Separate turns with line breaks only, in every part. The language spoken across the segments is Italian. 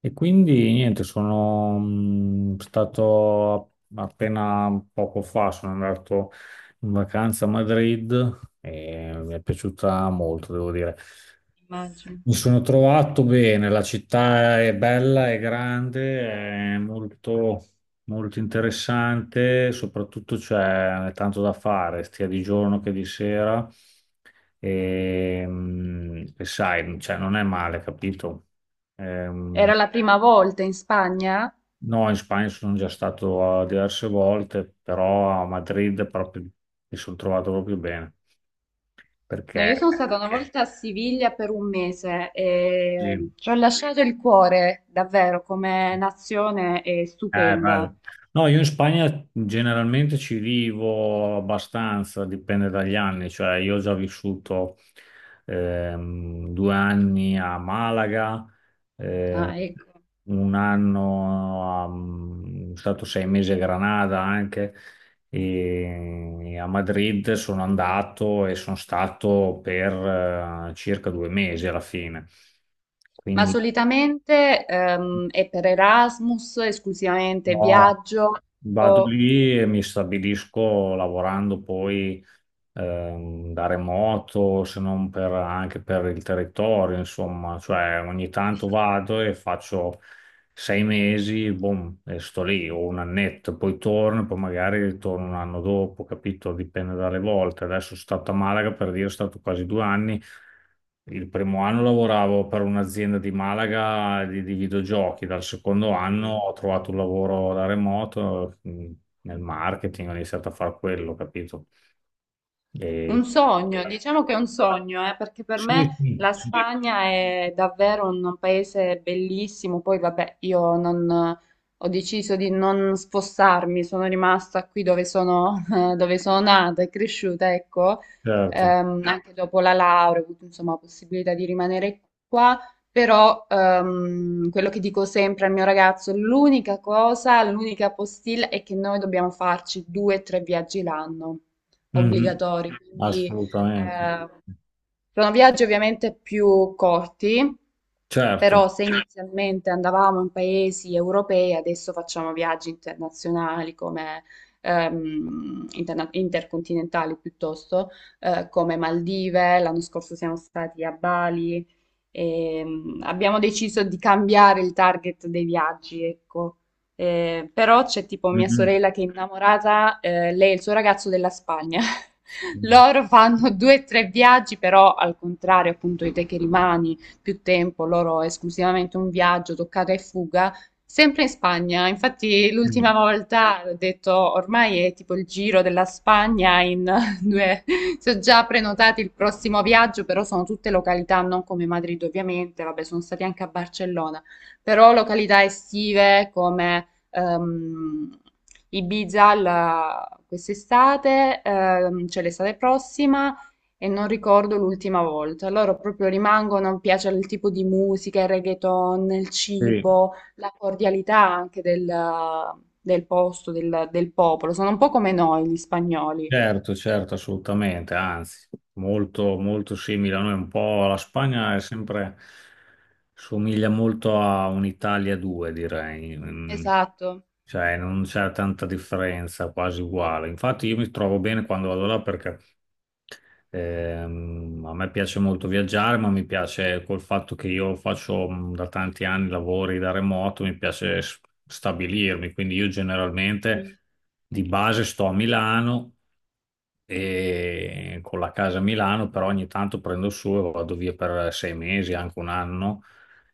E quindi niente, sono stato appena poco fa, sono andato in vacanza a Madrid e mi è piaciuta molto, devo dire. Mi sono trovato bene, la città è bella, è grande, è molto, molto interessante, soprattutto c'è tanto da fare, sia di giorno che di sera. E sai, cioè, non è male, capito? Ehm,
Era la prima volta in Spagna?
No, in Spagna sono già stato diverse volte, però a Madrid proprio mi sono trovato proprio bene,
No,
perché
io sono stata una volta a Siviglia per un mese e
lì.
ci ho lasciato il cuore, davvero, come nazione è stupenda.
Bello. No, io in Spagna generalmente ci vivo abbastanza, dipende dagli anni, cioè io ho già vissuto due anni a Malaga, eh,
Ah, ecco.
un anno, sono stato 6 mesi a Granada anche, e a Madrid sono andato e sono stato per circa 2 mesi alla fine.
Ma
Quindi.
solitamente è per Erasmus, esclusivamente
No,
viaggio
vado
o...
lì e mi stabilisco lavorando poi da remoto, se non anche per il territorio, insomma, cioè ogni tanto vado e faccio 6 mesi, boom, e sto lì, o un annetto, poi torno, poi magari ritorno un anno dopo, capito? Dipende dalle volte. Adesso sono stato a Malaga, per dire, sono stato quasi 2 anni. Il primo anno lavoravo per un'azienda di Malaga di videogiochi, dal secondo anno ho trovato un lavoro da remoto nel marketing, ho iniziato a fare quello, capito? E...
Un sogno, diciamo che è un sogno, perché per
Sì,
me
sì,
la Sì. Spagna è davvero un paese bellissimo. Poi, vabbè, io non, ho deciso di non spostarmi, sono rimasta qui dove sono, dove sono nata e cresciuta, ecco.
certo.
Ah, anche dopo la laurea ho avuto, insomma, la possibilità di rimanere qua. Però quello che dico sempre al mio ragazzo, l'unica cosa, l'unica postilla è che noi dobbiamo farci due o tre viaggi l'anno
Mhm.
obbligatori, quindi
Assolutamente, sì.
eh, sono viaggi ovviamente più corti,
Certo.
però se inizialmente andavamo in paesi europei, adesso facciamo viaggi internazionali come intercontinentali piuttosto, come Maldive, l'anno scorso siamo stati a Bali e abbiamo deciso di cambiare il target dei viaggi, ecco. Però c'è tipo mia
Mhm.
sorella che è innamorata, lei e il suo ragazzo della Spagna. Loro fanno due o tre viaggi, però al contrario, appunto, di te che rimani più tempo, loro esclusivamente un viaggio, toccata e fuga, sempre in Spagna. Infatti, l'ultima volta ho detto ormai è tipo il giro della Spagna in due. Se ho già prenotato il prossimo viaggio, però sono tutte località, non come Madrid, ovviamente. Vabbè, sono stati anche a Barcellona, però località estive come ehm, Ibiza quest'estate, cioè l'estate prossima, e non ricordo l'ultima volta. Loro proprio rimangono, mi piace il tipo di musica, il reggaeton, il
Sì,
cibo, la cordialità anche del posto, del popolo. Sono un po' come noi, gli spagnoli.
certo, certo, assolutamente, anzi, molto, molto simile a noi, un po' la Spagna è sempre, somiglia molto a un'Italia 2, direi.
Esatto.
Cioè non c'è tanta differenza, quasi uguale. Infatti io mi trovo bene quando vado là perché a me piace molto viaggiare, ma mi piace col fatto che io faccio da tanti anni lavori da remoto, mi piace stabilirmi, quindi io generalmente di base sto a Milano e con la casa a Milano, però ogni tanto prendo su e vado via per 6 mesi, anche un anno,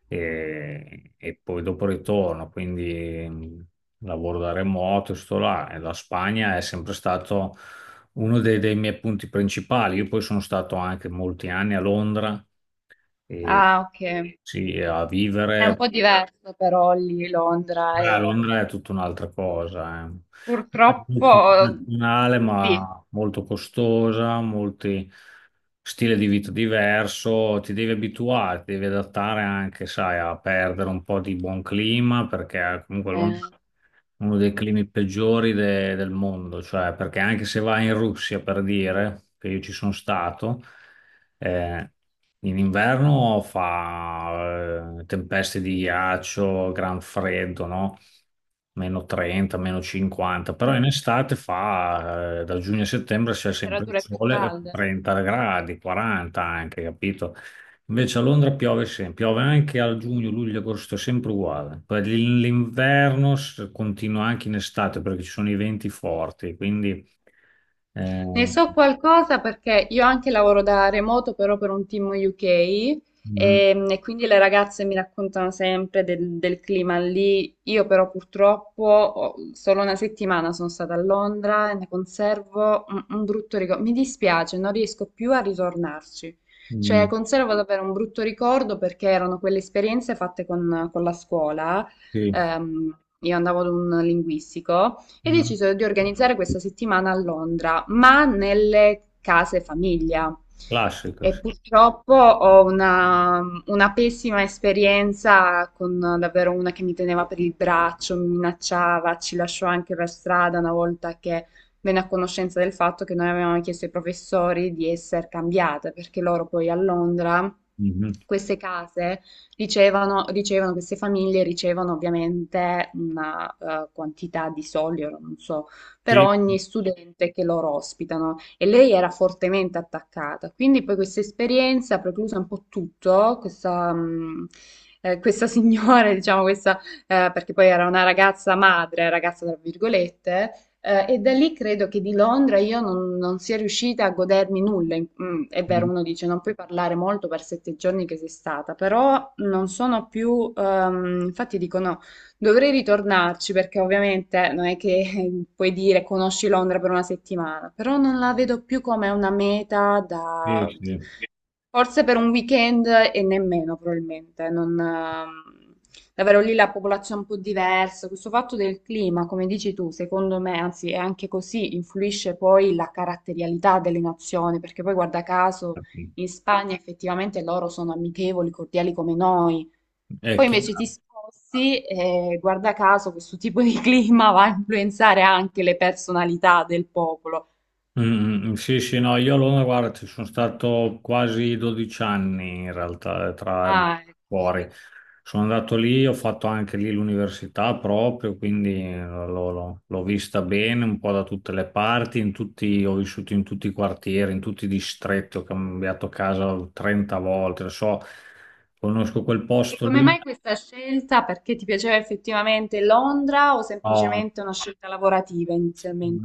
e poi dopo ritorno. Quindi lavoro da remoto, sto là. E la Spagna è sempre stato uno dei, dei miei punti principali. Io poi sono stato anche molti anni a Londra e
Ah, ok.
sì, a
È un
vivere.
po' diverso però lì Londra.
Beh, a
E
Londra è tutta un'altra cosa, eh. È
Purtroppo
molto internazionale,
sì.
ma molto costosa, molti stile di vita diverso, ti devi abituare, ti devi adattare anche, sai, a perdere un po' di buon clima, perché comunque Londra
Eh,
è uno dei climi peggiori del mondo, cioè perché anche se vai in Russia, per dire, che io ci sono stato, eh, in inverno fa tempeste di ghiaccio, gran freddo, no? Meno 30, meno 50, però in
mm.
estate fa da giugno a settembre c'è sempre il
Temperature più
sole,
calde.
30 gradi, 40 anche, capito? Invece a Londra piove sempre, piove anche a giugno, luglio, agosto, è sempre uguale. Poi l'inverno continua anche in estate perché ci sono i venti forti, quindi eh,
Ne so qualcosa perché io anche lavoro da remoto, però per un team UK
mm,
e quindi le ragazze mi raccontano sempre del clima lì. Io però purtroppo solo una settimana sono stata a Londra e ne conservo un brutto ricordo. Mi dispiace, non riesco più a ritornarci.
mm,
Cioè, conservo davvero un brutto ricordo perché erano quelle esperienze fatte con la scuola.
sì,
Io andavo ad un linguistico. E
mm,
decisero di organizzare questa settimana a Londra, ma nelle case famiglia.
classico,
E
sì.
purtroppo ho una pessima esperienza con davvero una che mi teneva per il braccio, mi minacciava, ci lasciò anche per strada una volta che venne a conoscenza del fatto che noi avevamo chiesto ai professori di essere cambiate, perché loro poi a Londra
Mhm.
queste case Dicevano, dicevano che queste famiglie ricevono ovviamente una quantità di soldi, ora non so, per
Sì,
ogni studente che loro ospitano e lei era fortemente attaccata. Quindi poi questa esperienza ha precluso un po' tutto, questa, questa signora, diciamo, questa, perché poi era una ragazza madre, ragazza tra virgolette, e da lì credo che di Londra io non, non sia riuscita a godermi nulla. È vero, uno dice non puoi parlare molto per sette giorni che sei stata, però non sono più, infatti dico no, dovrei ritornarci perché ovviamente non è che puoi dire conosci Londra per una settimana, però non la vedo più come una meta da.
sì, sì,
Forse per un weekend e nemmeno probabilmente, non, davvero lì la popolazione è un po' diversa. Questo fatto del clima, come dici tu, secondo me, anzi è anche così, influisce poi la caratterialità delle nazioni, perché poi guarda caso
infatti.
in Spagna effettivamente loro sono amichevoli, cordiali come noi.
È
Poi invece ti
chiaro.
sposti e guarda caso questo tipo di clima va a influenzare anche le personalità del popolo.
Mm, mm, sì, sì, no, io a Londra, guarda, ci sono stato quasi 12 anni in realtà, tra
Ah, ecco.
fuori. Sono andato lì, ho fatto anche lì l'università proprio, quindi l'ho vista bene un po' da tutte le parti, ho vissuto in tutti i quartieri, in tutti i distretti, ho cambiato casa 30 volte, lo so, conosco quel
E
posto
come
lì.
mai questa scelta? Perché ti piaceva effettivamente Londra o semplicemente una scelta lavorativa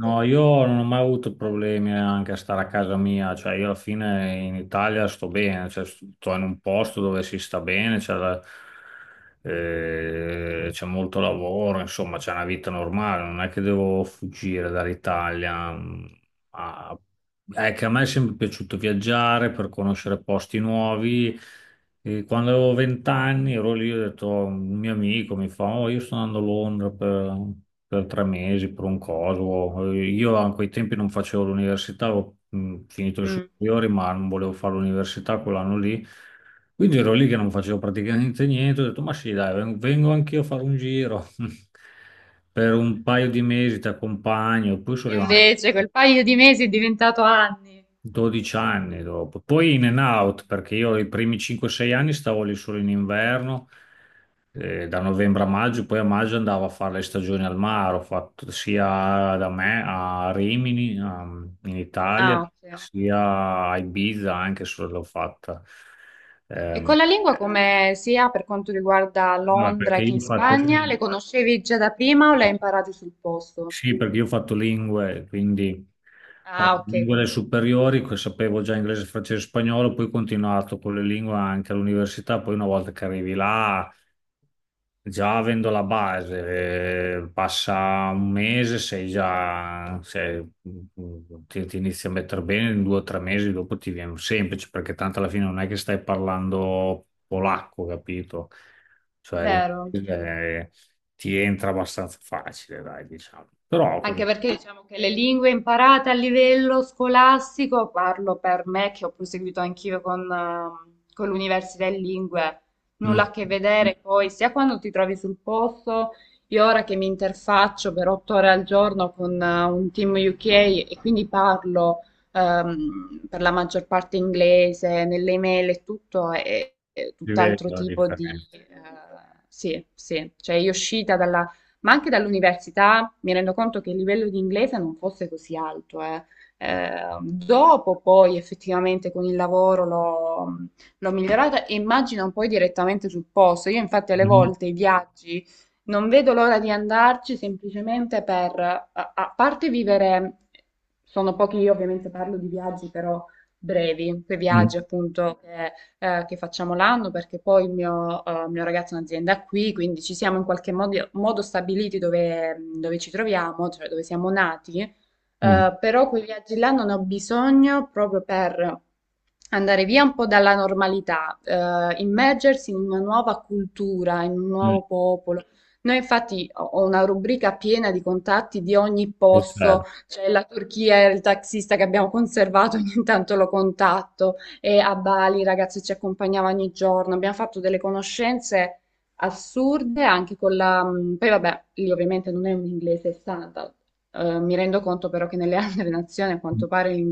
No, io non ho mai avuto problemi anche a stare a casa mia, cioè io alla fine in Italia sto bene, cioè, sto in un posto dove si sta bene, c'è molto lavoro, insomma c'è una vita normale, non è che devo fuggire dall'Italia. A- È che a me è sempre piaciuto viaggiare per conoscere posti nuovi e quando avevo vent'anni ero lì, ho detto, "Oh, un mio amico mi fa, oh, io sto andando a Londra per 3 mesi, per un coso". Io a quei tempi non facevo l'università, avevo finito le
Mm.
superiori, ma non volevo fare l'università quell'anno lì. Quindi ero lì che non facevo praticamente niente, ho detto, ma sì, dai, vengo anch'io a fare un giro per un paio di mesi, ti accompagno. E poi
E
sono rimasto.
invece quel paio di mesi è diventato anni.
12 anni dopo, poi in and out perché io i primi 5-6 anni stavo lì solo in inverno, da novembre a maggio, poi a maggio andavo a fare le stagioni al mare, ho fatto sia da me a Rimini, in Italia,
Ah, ok.
sia a Ibiza anche se l'ho fatta.
E
Ehm,
con la lingua come sia per quanto riguarda
vabbè, perché
Londra che in
io ho fatto...
Spagna, le conoscevi già da prima o le hai imparate sul posto?
Sì, perché io ho fatto lingue, quindi ho
Ah,
fatto
ok,
lingue alle superiori, che sapevo già inglese, francese e spagnolo, poi ho continuato con le lingue anche all'università, poi una volta che arrivi là, già avendo la base, passa un mese, ti inizi a mettere bene, in 2 o 3 mesi dopo ti viene semplice, perché tanto alla fine non è che stai parlando polacco, capito? Cioè,
vero.
l'inglese ti entra abbastanza facile, dai, diciamo. Però
Anche
comunque.
perché diciamo che le lingue imparate a livello scolastico, parlo per me che ho proseguito anch'io con l'università in lingue,
Mm.
nulla a che vedere poi, sia quando ti trovi sul posto, io ora che mi interfaccio per otto ore al giorno con un team UK e quindi parlo per la maggior parte inglese, nelle email e tutto, è
Si vede
tutt'altro
la
tipo di...
differenza.
sì, sì, cioè io uscita dalla ma anche dall'università mi rendo conto che il livello di inglese non fosse così alto, eh.
Mm.
Eh, dopo poi effettivamente con il lavoro l'ho migliorata e immagino poi direttamente sul posto. Io infatti alle volte i viaggi non vedo l'ora di andarci semplicemente per, a parte vivere, sono pochi, io ovviamente parlo di viaggi però brevi, quei
Mm.
viaggi appunto che facciamo l'anno, perché poi il mio, mio ragazzo ha un'azienda qui, quindi ci siamo in qualche modo, modo stabiliti dove ci troviamo, cioè dove siamo nati,
Mm.
però quei viaggi là non ho bisogno proprio per andare via un po' dalla normalità, immergersi in una nuova cultura, in un
Mm.
nuovo popolo. Noi infatti ho una rubrica piena di contatti di ogni
È
posto,
certo.
c'è la Turchia, il taxista che abbiamo conservato, ogni tanto lo contatto, e a Bali i ragazzi ci accompagnavano ogni giorno, abbiamo fatto delle conoscenze assurde anche con la... Poi vabbè, lì ovviamente non è un inglese standard. Mi rendo conto però che nelle altre nazioni a quanto pare l'inglese